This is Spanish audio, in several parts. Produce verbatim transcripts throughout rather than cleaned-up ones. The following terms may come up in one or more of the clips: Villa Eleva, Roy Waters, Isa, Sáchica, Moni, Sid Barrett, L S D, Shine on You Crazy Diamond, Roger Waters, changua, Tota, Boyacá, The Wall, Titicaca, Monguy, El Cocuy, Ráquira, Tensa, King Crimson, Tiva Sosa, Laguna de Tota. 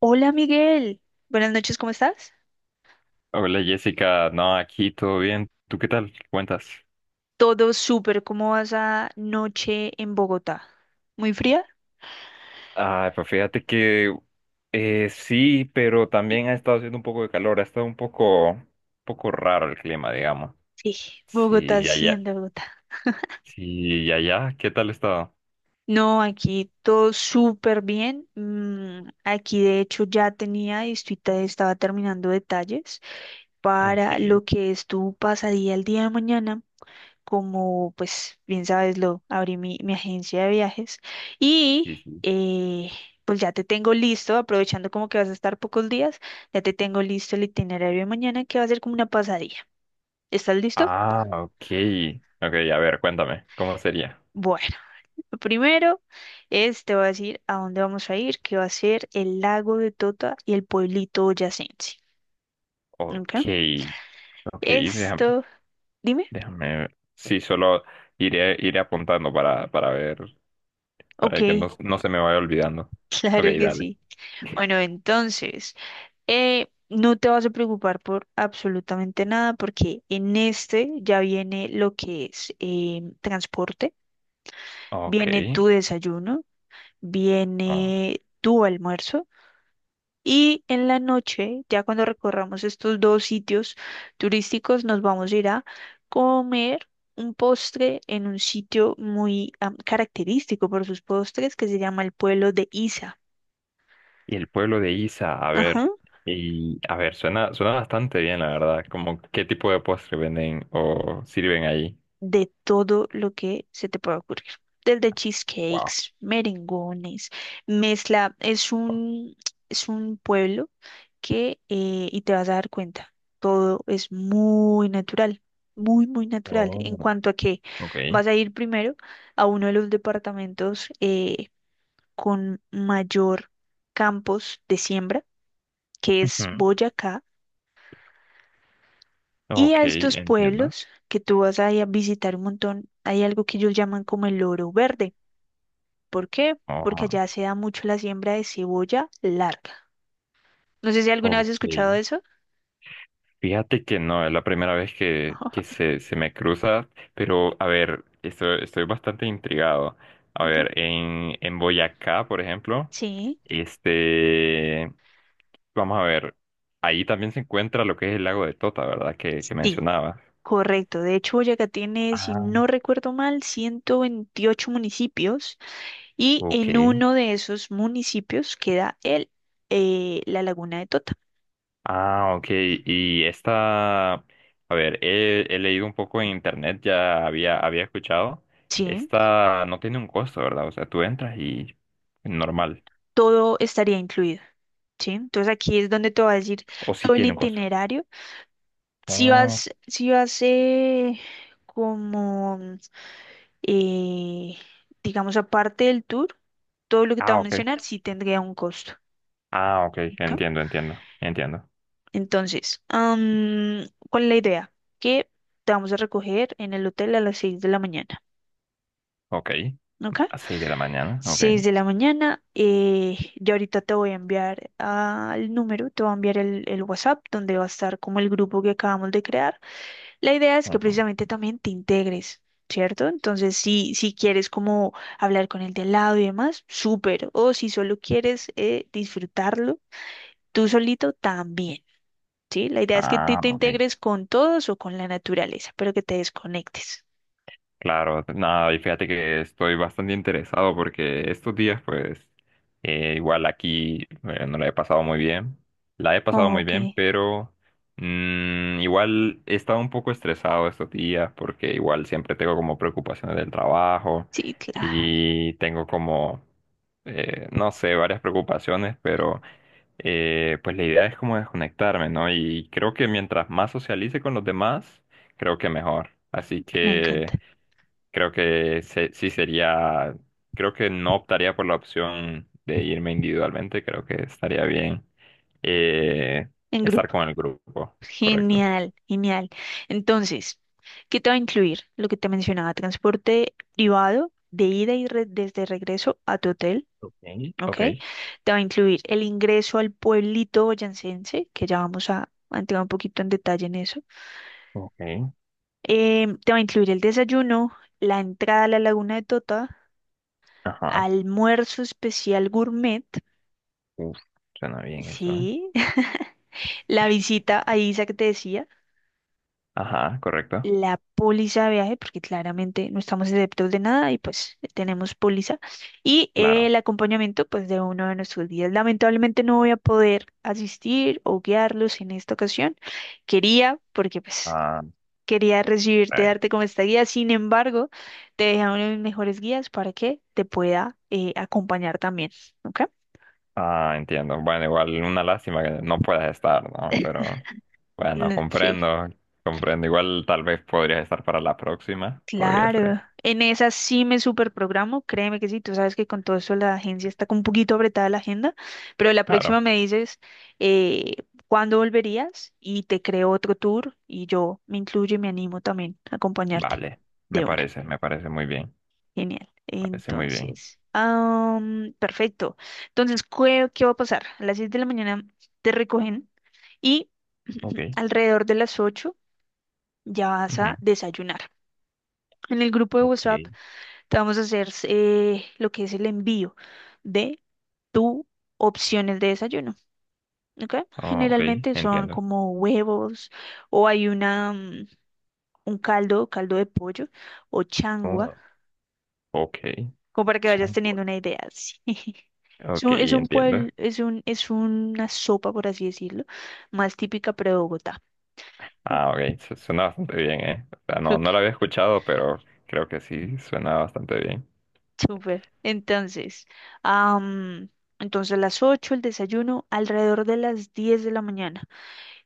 Hola Miguel, buenas noches, ¿cómo estás? Hola Jessica, no, aquí todo bien. ¿Tú qué tal? ¿Qué cuentas? Todo súper, ¿cómo vas a noche en Bogotá? ¿Muy fría? Ah, pues fíjate que eh, sí, pero también ha estado haciendo un poco de calor, ha estado un poco, un poco raro el clima, digamos. Sí, Bogotá, Sí, allá, siendo Bogotá. sí, allá, ¿qué tal ha estado? No, aquí todo súper bien. Mm, aquí de hecho ya tenía y estoy te- estaba terminando detalles Ok, para sí, lo que es tu pasadía el día de mañana. Como pues bien sabes, lo abrí mi, mi agencia de viajes y sí. eh, pues ya te tengo listo, aprovechando como que vas a estar pocos días, ya te tengo listo el itinerario de mañana que va a ser como una pasadilla. ¿Estás listo? Ah, ok, ok, a ver, cuéntame, ¿cómo sería? Bueno, lo primero es, te voy a decir a dónde vamos a ir, que va a ser el lago de Tota y el pueblito boyacense. ¿Ok? Ok, ok, déjame, Esto, dime. déjame, sí, solo iré, iré apuntando para, para ver, Ok, para que no, no se me vaya olvidando. Ok, claro que dale. sí. Bueno, entonces... Eh, no te vas a preocupar por absolutamente nada porque en este ya viene lo que es eh, transporte, Ok. viene tu desayuno, Ah, viene tu almuerzo, y en la noche, ya cuando recorramos estos dos sitios turísticos, nos vamos a ir a comer un postre en un sitio muy am, característico por sus postres, que se llama el pueblo de Isa. y el pueblo de Isa, a ver, y a ver, suena, suena bastante bien, la verdad. ¿Como qué tipo de postre venden o sirven allí? De todo lo que se te pueda ocurrir. Desde Wow. cheesecakes, merengones, mezcla. Es un, es un pueblo, que, eh, y te vas a dar cuenta, todo es muy natural, muy, muy natural. En Oh, cuanto a que ok. vas a ir primero a uno de los departamentos eh, con mayor campos de siembra, que es Ujú. Boyacá. Y Ok, a estos entiendo. pueblos que tú vas a ir a visitar un montón, hay algo que ellos llaman como el oro verde. ¿Por qué? Porque Ah, allá se da mucho la siembra de cebolla larga. No sé si alguna vez has escuchado ok. eso. Fíjate que no, es la primera vez que, que se, se me cruza, pero a ver, estoy, estoy bastante intrigado. A Ok. ver, en, en Boyacá, por ejemplo. Sí, Este, vamos a ver, ahí también se encuentra lo que es el lago de Tota, ¿verdad? Que, que sí, mencionabas. correcto. De hecho, Boyacá tiene, si Ah, no recuerdo mal, ciento veintiocho municipios, y en ok. uno de esos municipios queda el, eh, la Laguna de Tota. Ah, ok. Y esta, a ver, he, he leído un poco en internet, ya había, había escuchado. Sí, Esta no tiene un costo, ¿verdad? O sea, tú entras y normal. todo estaría incluido. Sí, entonces aquí es donde te va a decir ¿O sí todo el tiene un costo? itinerario. Si Oh, vas, si vas eh, como... Eh, digamos, aparte del tour, todo lo que te ah, voy a mencionar ok. sí tendría un costo. Ah, ok. ¿Ok? Entiendo, entiendo. Entiendo. Entonces, am, ¿cuál es la idea? Que te vamos a recoger en el hotel a las seis de la mañana. Ok. ¿Ok? A seis de la mañana. Ok. Seis de la mañana. Eh, yo ahorita te voy a enviar al número, te voy a enviar el, el, WhatsApp donde va a estar como el grupo que acabamos de crear. La idea es que Ujú. precisamente también te integres, ¿cierto? Entonces, si, si quieres como hablar con el de al lado y demás, súper. O si solo quieres eh, disfrutarlo tú solito, también, ¿sí? La idea es que te, Ah, te ok. integres con todos o con la naturaleza, pero que te desconectes. Claro, nada, y fíjate que estoy bastante interesado porque estos días, pues, eh, igual aquí eh, no la he pasado muy bien, la he pasado muy Ok, bien, pero mm, igual he estado un poco estresado estos días porque igual siempre tengo como preocupaciones del trabajo sí, claro, y tengo como, eh, no sé, varias preocupaciones, pero eh, pues la idea es como desconectarme, ¿no? Y creo que mientras más socialice con los demás, creo que mejor. Así me que encanta. creo que se- sí sería, creo que no optaría por la opción de irme individualmente, creo que estaría bien eh, En estar grupo. con el grupo, correcto. Genial, genial. Entonces, ¿qué te va a incluir? Lo que te mencionaba: transporte privado de ida y re- desde regreso a tu hotel. Ok, ¿Ok? ok, Te va a incluir el ingreso al pueblito boyacense, que ya vamos a, a entrar un poquito en detalle en eso. ok, Em, te va a incluir el desayuno, la entrada a la Laguna de Tota, ajá, almuerzo especial gourmet, uf, suena bien eso, ¿eh? sí, la visita a Isa que te decía, Ajá, correcto, la póliza de viaje, porque claramente no estamos exceptos de nada y pues tenemos póliza, y eh, claro. el acompañamiento pues de uno de nuestros guías. Lamentablemente no voy a poder asistir o guiarlos en esta ocasión. Quería, porque pues Ah, quería recibirte, ay, darte como esta guía, sin embargo, te dejé a uno de mis mejores guías para que te pueda eh, acompañar también, ¿ok? ah, entiendo. Bueno, igual una lástima que no puedas estar, ¿no? Pero bueno, N- Sí. comprendo, comprendo. Igual tal vez podrías estar para la próxima, podría ser. Claro, en esa sí me superprogramo, créeme que sí, tú sabes que con todo eso la agencia está con un poquito apretada la agenda, pero la Claro. próxima me dices eh, cuándo volverías y te creo otro tour y yo me incluyo y me animo también a acompañarte Vale, me de una. parece, me parece muy bien, Genial. parece muy bien. Entonces, am, perfecto. Entonces, ¿qué, qué va a pasar? A las seis de la mañana te recogen y Ok, alrededor de las ocho ya vas a ujú, desayunar. En el grupo de ok, WhatsApp te vamos a hacer eh, lo que es el envío de tu opciones de desayuno, ¿ok? oh, ok, Generalmente son entiendo. como huevos, o hay una, mm, un caldo, caldo de pollo o changua, Oh, ok, como para que vayas teniendo changua. una idea. Sí. Es Ok, un, es un entiendo. pueblo, es un, es una sopa, por así decirlo, más típica pero de Bogotá. Sí. Ah, ok, su- suena bastante bien, ¿eh? O sea, no, Ok, no lo había escuchado, pero creo que sí suena bastante bien. súper. Entonces, am, entonces a las ocho el desayuno, alrededor de las diez de la mañana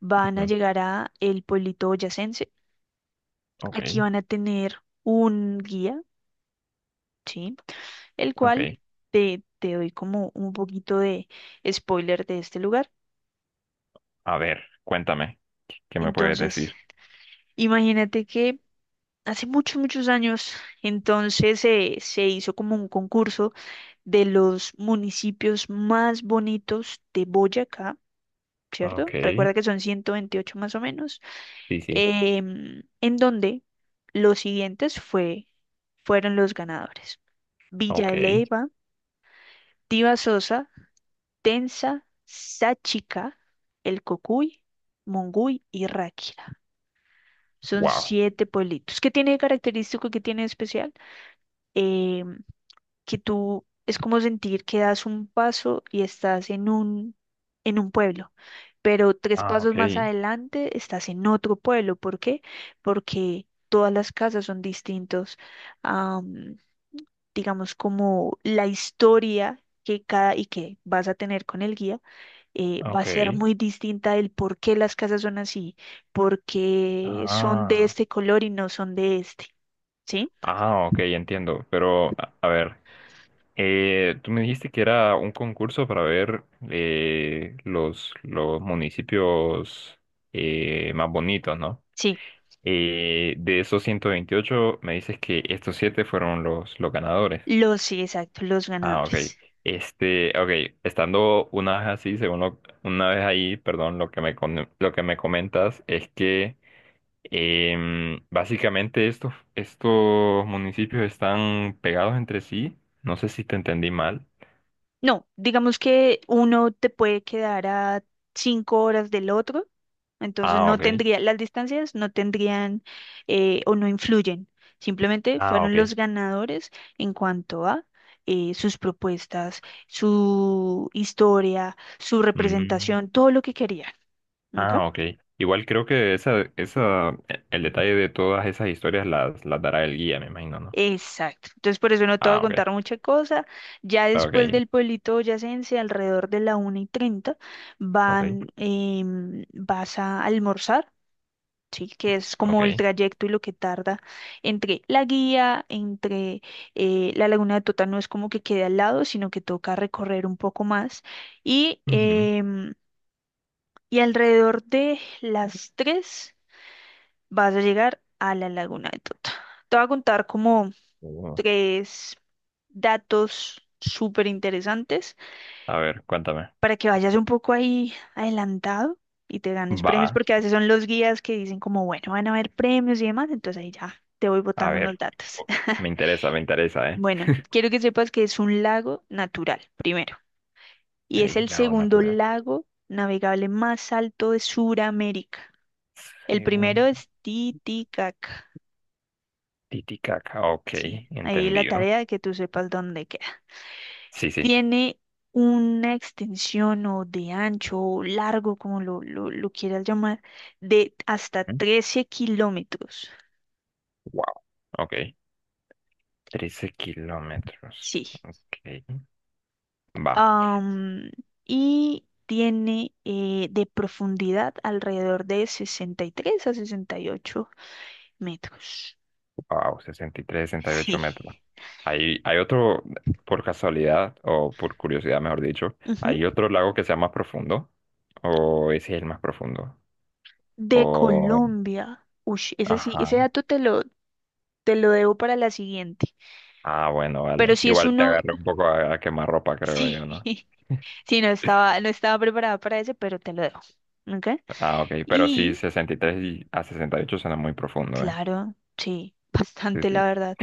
van a Ujú, llegar a el pueblito boyacense. ok, Aquí van a tener un guía, ¿sí? El cual ok. te, te, doy como un poquito de spoiler de este lugar. A ver, cuéntame, ¿qué me puedes Entonces, decir? imagínate que hace muchos, muchos años, entonces eh, se hizo como un concurso de los municipios más bonitos de Boyacá, ¿cierto? Ok, Recuerda que son ciento veintiocho más o menos. sí, sí, em, En donde los siguientes fue, fueron los ganadores: Villa ok, Eleva, Tiva Sosa, Tensa, Sáchica, El Cocuy, Monguy y Ráquira. Son wow. siete pueblitos. ¿Qué tiene de característico? ¿Qué tiene de especial? Em, que tú es como sentir que das un paso y estás en un, en un pueblo, pero tres Ah, pasos ok, más adelante estás en otro pueblo. ¿Por qué? Porque todas las casas son distintos, am, digamos, como la historia que cada y que vas a tener con el guía eh, va a ser ok. muy distinta del por qué las casas son así, por qué son de Ah. este color y no son de este, ¿sí? Ah, ok, entiendo. Pero, a, a ver, eh, tú me dijiste que era un concurso para ver eh, los, los municipios eh, más bonitos, ¿no? Sí, Eh, de esos ciento veintiocho, me dices que estos siete fueron los, los ganadores. los, sí, exacto, los Ah, ok. ganadores. Este, ok, estando una vez así, según lo- una vez ahí, perdón, lo que me, con- lo que me comentas es que Em, básicamente estos, estos municipios están pegados entre sí. No sé si te entendí mal. No, digamos que uno te puede quedar a cinco horas del otro, entonces Ah, no ok. tendría, las distancias no tendrían eh, o no influyen, simplemente Ah, fueron ok. los ganadores en cuanto a eh, sus propuestas, su historia, su Mm, representación, todo lo que querían. ¿Ok? ah, ok. Igual creo que esa, esa, e- el detalle de todas esas historias las, las dará el guía, me imagino, ¿no? Exacto. Entonces por eso no te voy a Ah, ok. contar mucha cosa. Ya después Ok, del pueblito boyacense, alrededor de la una y treinta van, ok, em, vas a almorzar, ¿sí? Que es ok. como el trayecto y lo que tarda entre la guía, entre eh, la Laguna de Tota no es como que quede al lado, sino que toca recorrer un poco más. Y, Ujú. em, y alrededor de las tres vas a llegar a la Laguna de Tota. Te voy a contar como Ujú. tres datos súper interesantes A ver, cuéntame. para que vayas un poco ahí adelantado y te ganes premios, Va, porque a veces son los guías que dicen como, bueno, van a haber premios y demás, entonces ahí ya te voy a botando unos ver. datos. Oh, me interesa, me interesa, ¿eh? Bueno, quiero que sepas que es un lago natural, primero, y es Ok, el lago segundo natural. lago navegable más alto de Sudamérica. El Según primero es Titicaca. Titicaca, ok, Sí, ahí la entendido. tarea de que tú sepas dónde. Sí, sí. Tiene una extensión o de ancho o largo, como lo, lo, lo quieras llamar, de hasta ¿Mm? trece kilómetros. Wow, ok, trece kilómetros. Sí. Ok. Va. Am, y tiene eh, de profundidad alrededor de sesenta y tres a sesenta y ocho metros. Wow, sesenta sesenta y tres sesenta y ocho Sí. metros. Hay, hay otro, por casualidad, o por curiosidad, mejor dicho, Ujú. ¿hay otro lago que sea más profundo? ¿O ese es el más profundo? De O... Colombia. Uy, ese sí, ese Ajá. dato te lo, te lo, debo para la siguiente. Ah, bueno, Pero vale. si es Igual te uno, agarré un poco a, a quemarropa, creo sí. yo, ¿no? Sí, no estaba, no estaba preparada para eso, pero te lo dejo. ¿Ok? Ah, ok. Pero sí, Y sesenta y tres y a sesenta y ocho suena muy profundo, ¿eh? claro, sí, Sí, bastante sí. la verdad.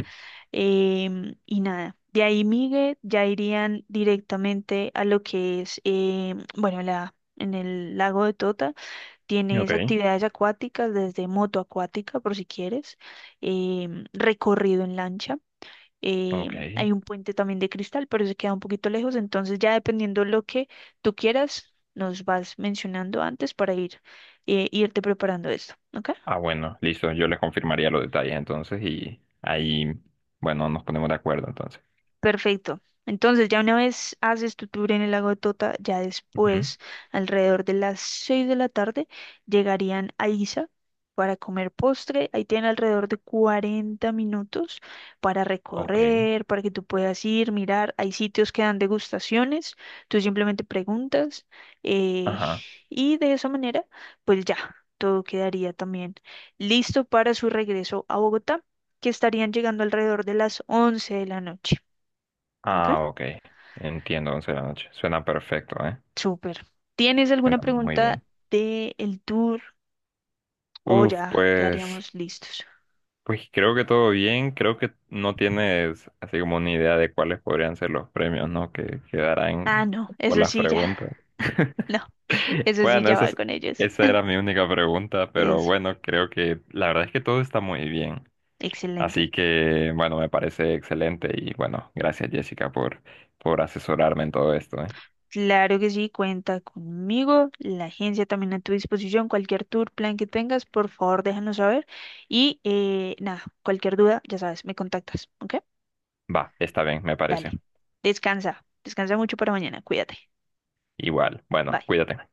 Em, y nada, de ahí, Miguel, ya irían directamente a lo que es, em, bueno, la, en el lago de Tota tienes Ok. actividades acuáticas, desde moto acuática, por si quieres, em, recorrido en lancha. eh, Ok. Hay un puente también de cristal, pero se queda un poquito lejos, entonces ya dependiendo lo que tú quieras, nos vas mencionando antes para ir, eh, irte preparando esto, ¿ok? Ah, bueno, listo. Yo les confirmaría los detalles entonces y ahí, bueno, nos ponemos de acuerdo entonces. Perfecto. Entonces, ya una vez haces tu tour en el lago de Tota, ya Ujú. después, alrededor de las seis de la tarde, llegarían a Isa para comer postre. Ahí tienen alrededor de cuarenta minutos para Ok. recorrer, para que tú puedas ir, mirar. Hay sitios que dan degustaciones, tú simplemente preguntas, eh, Ajá. y de esa manera, pues ya, todo quedaría también listo para su regreso a Bogotá, que estarían llegando alrededor de las once de la noche. Ok, Ah, ok. Entiendo, once de la noche. Suena perfecto, ¿eh? súper. ¿Tienes alguna Suena muy pregunta bien. de el tour o Uf, ya pues, quedaríamos listos? pues creo que todo bien. Creo que no tienes así como una idea de cuáles podrían ser los premios, ¿no? Que Ah, quedarán no, por eso las sí ya, preguntas. no, eso sí Bueno, ya esa va es- con ellos. esa era mi única pregunta, pero Es bueno, creo que la verdad es que todo está muy bien. Así excelente. que, bueno, me parece excelente y bueno, gracias Jessica por, por asesorarme en todo esto, ¿eh? Claro que sí, cuenta conmigo, la agencia también a tu disposición, cualquier tour, plan que tengas, por favor déjanos saber, y eh, nada, cualquier duda, ya sabes, me contactas, ¿ok? Va, está bien, me Dale, parece. descansa, descansa mucho para mañana, cuídate, Igual, bueno, bye. cuídate.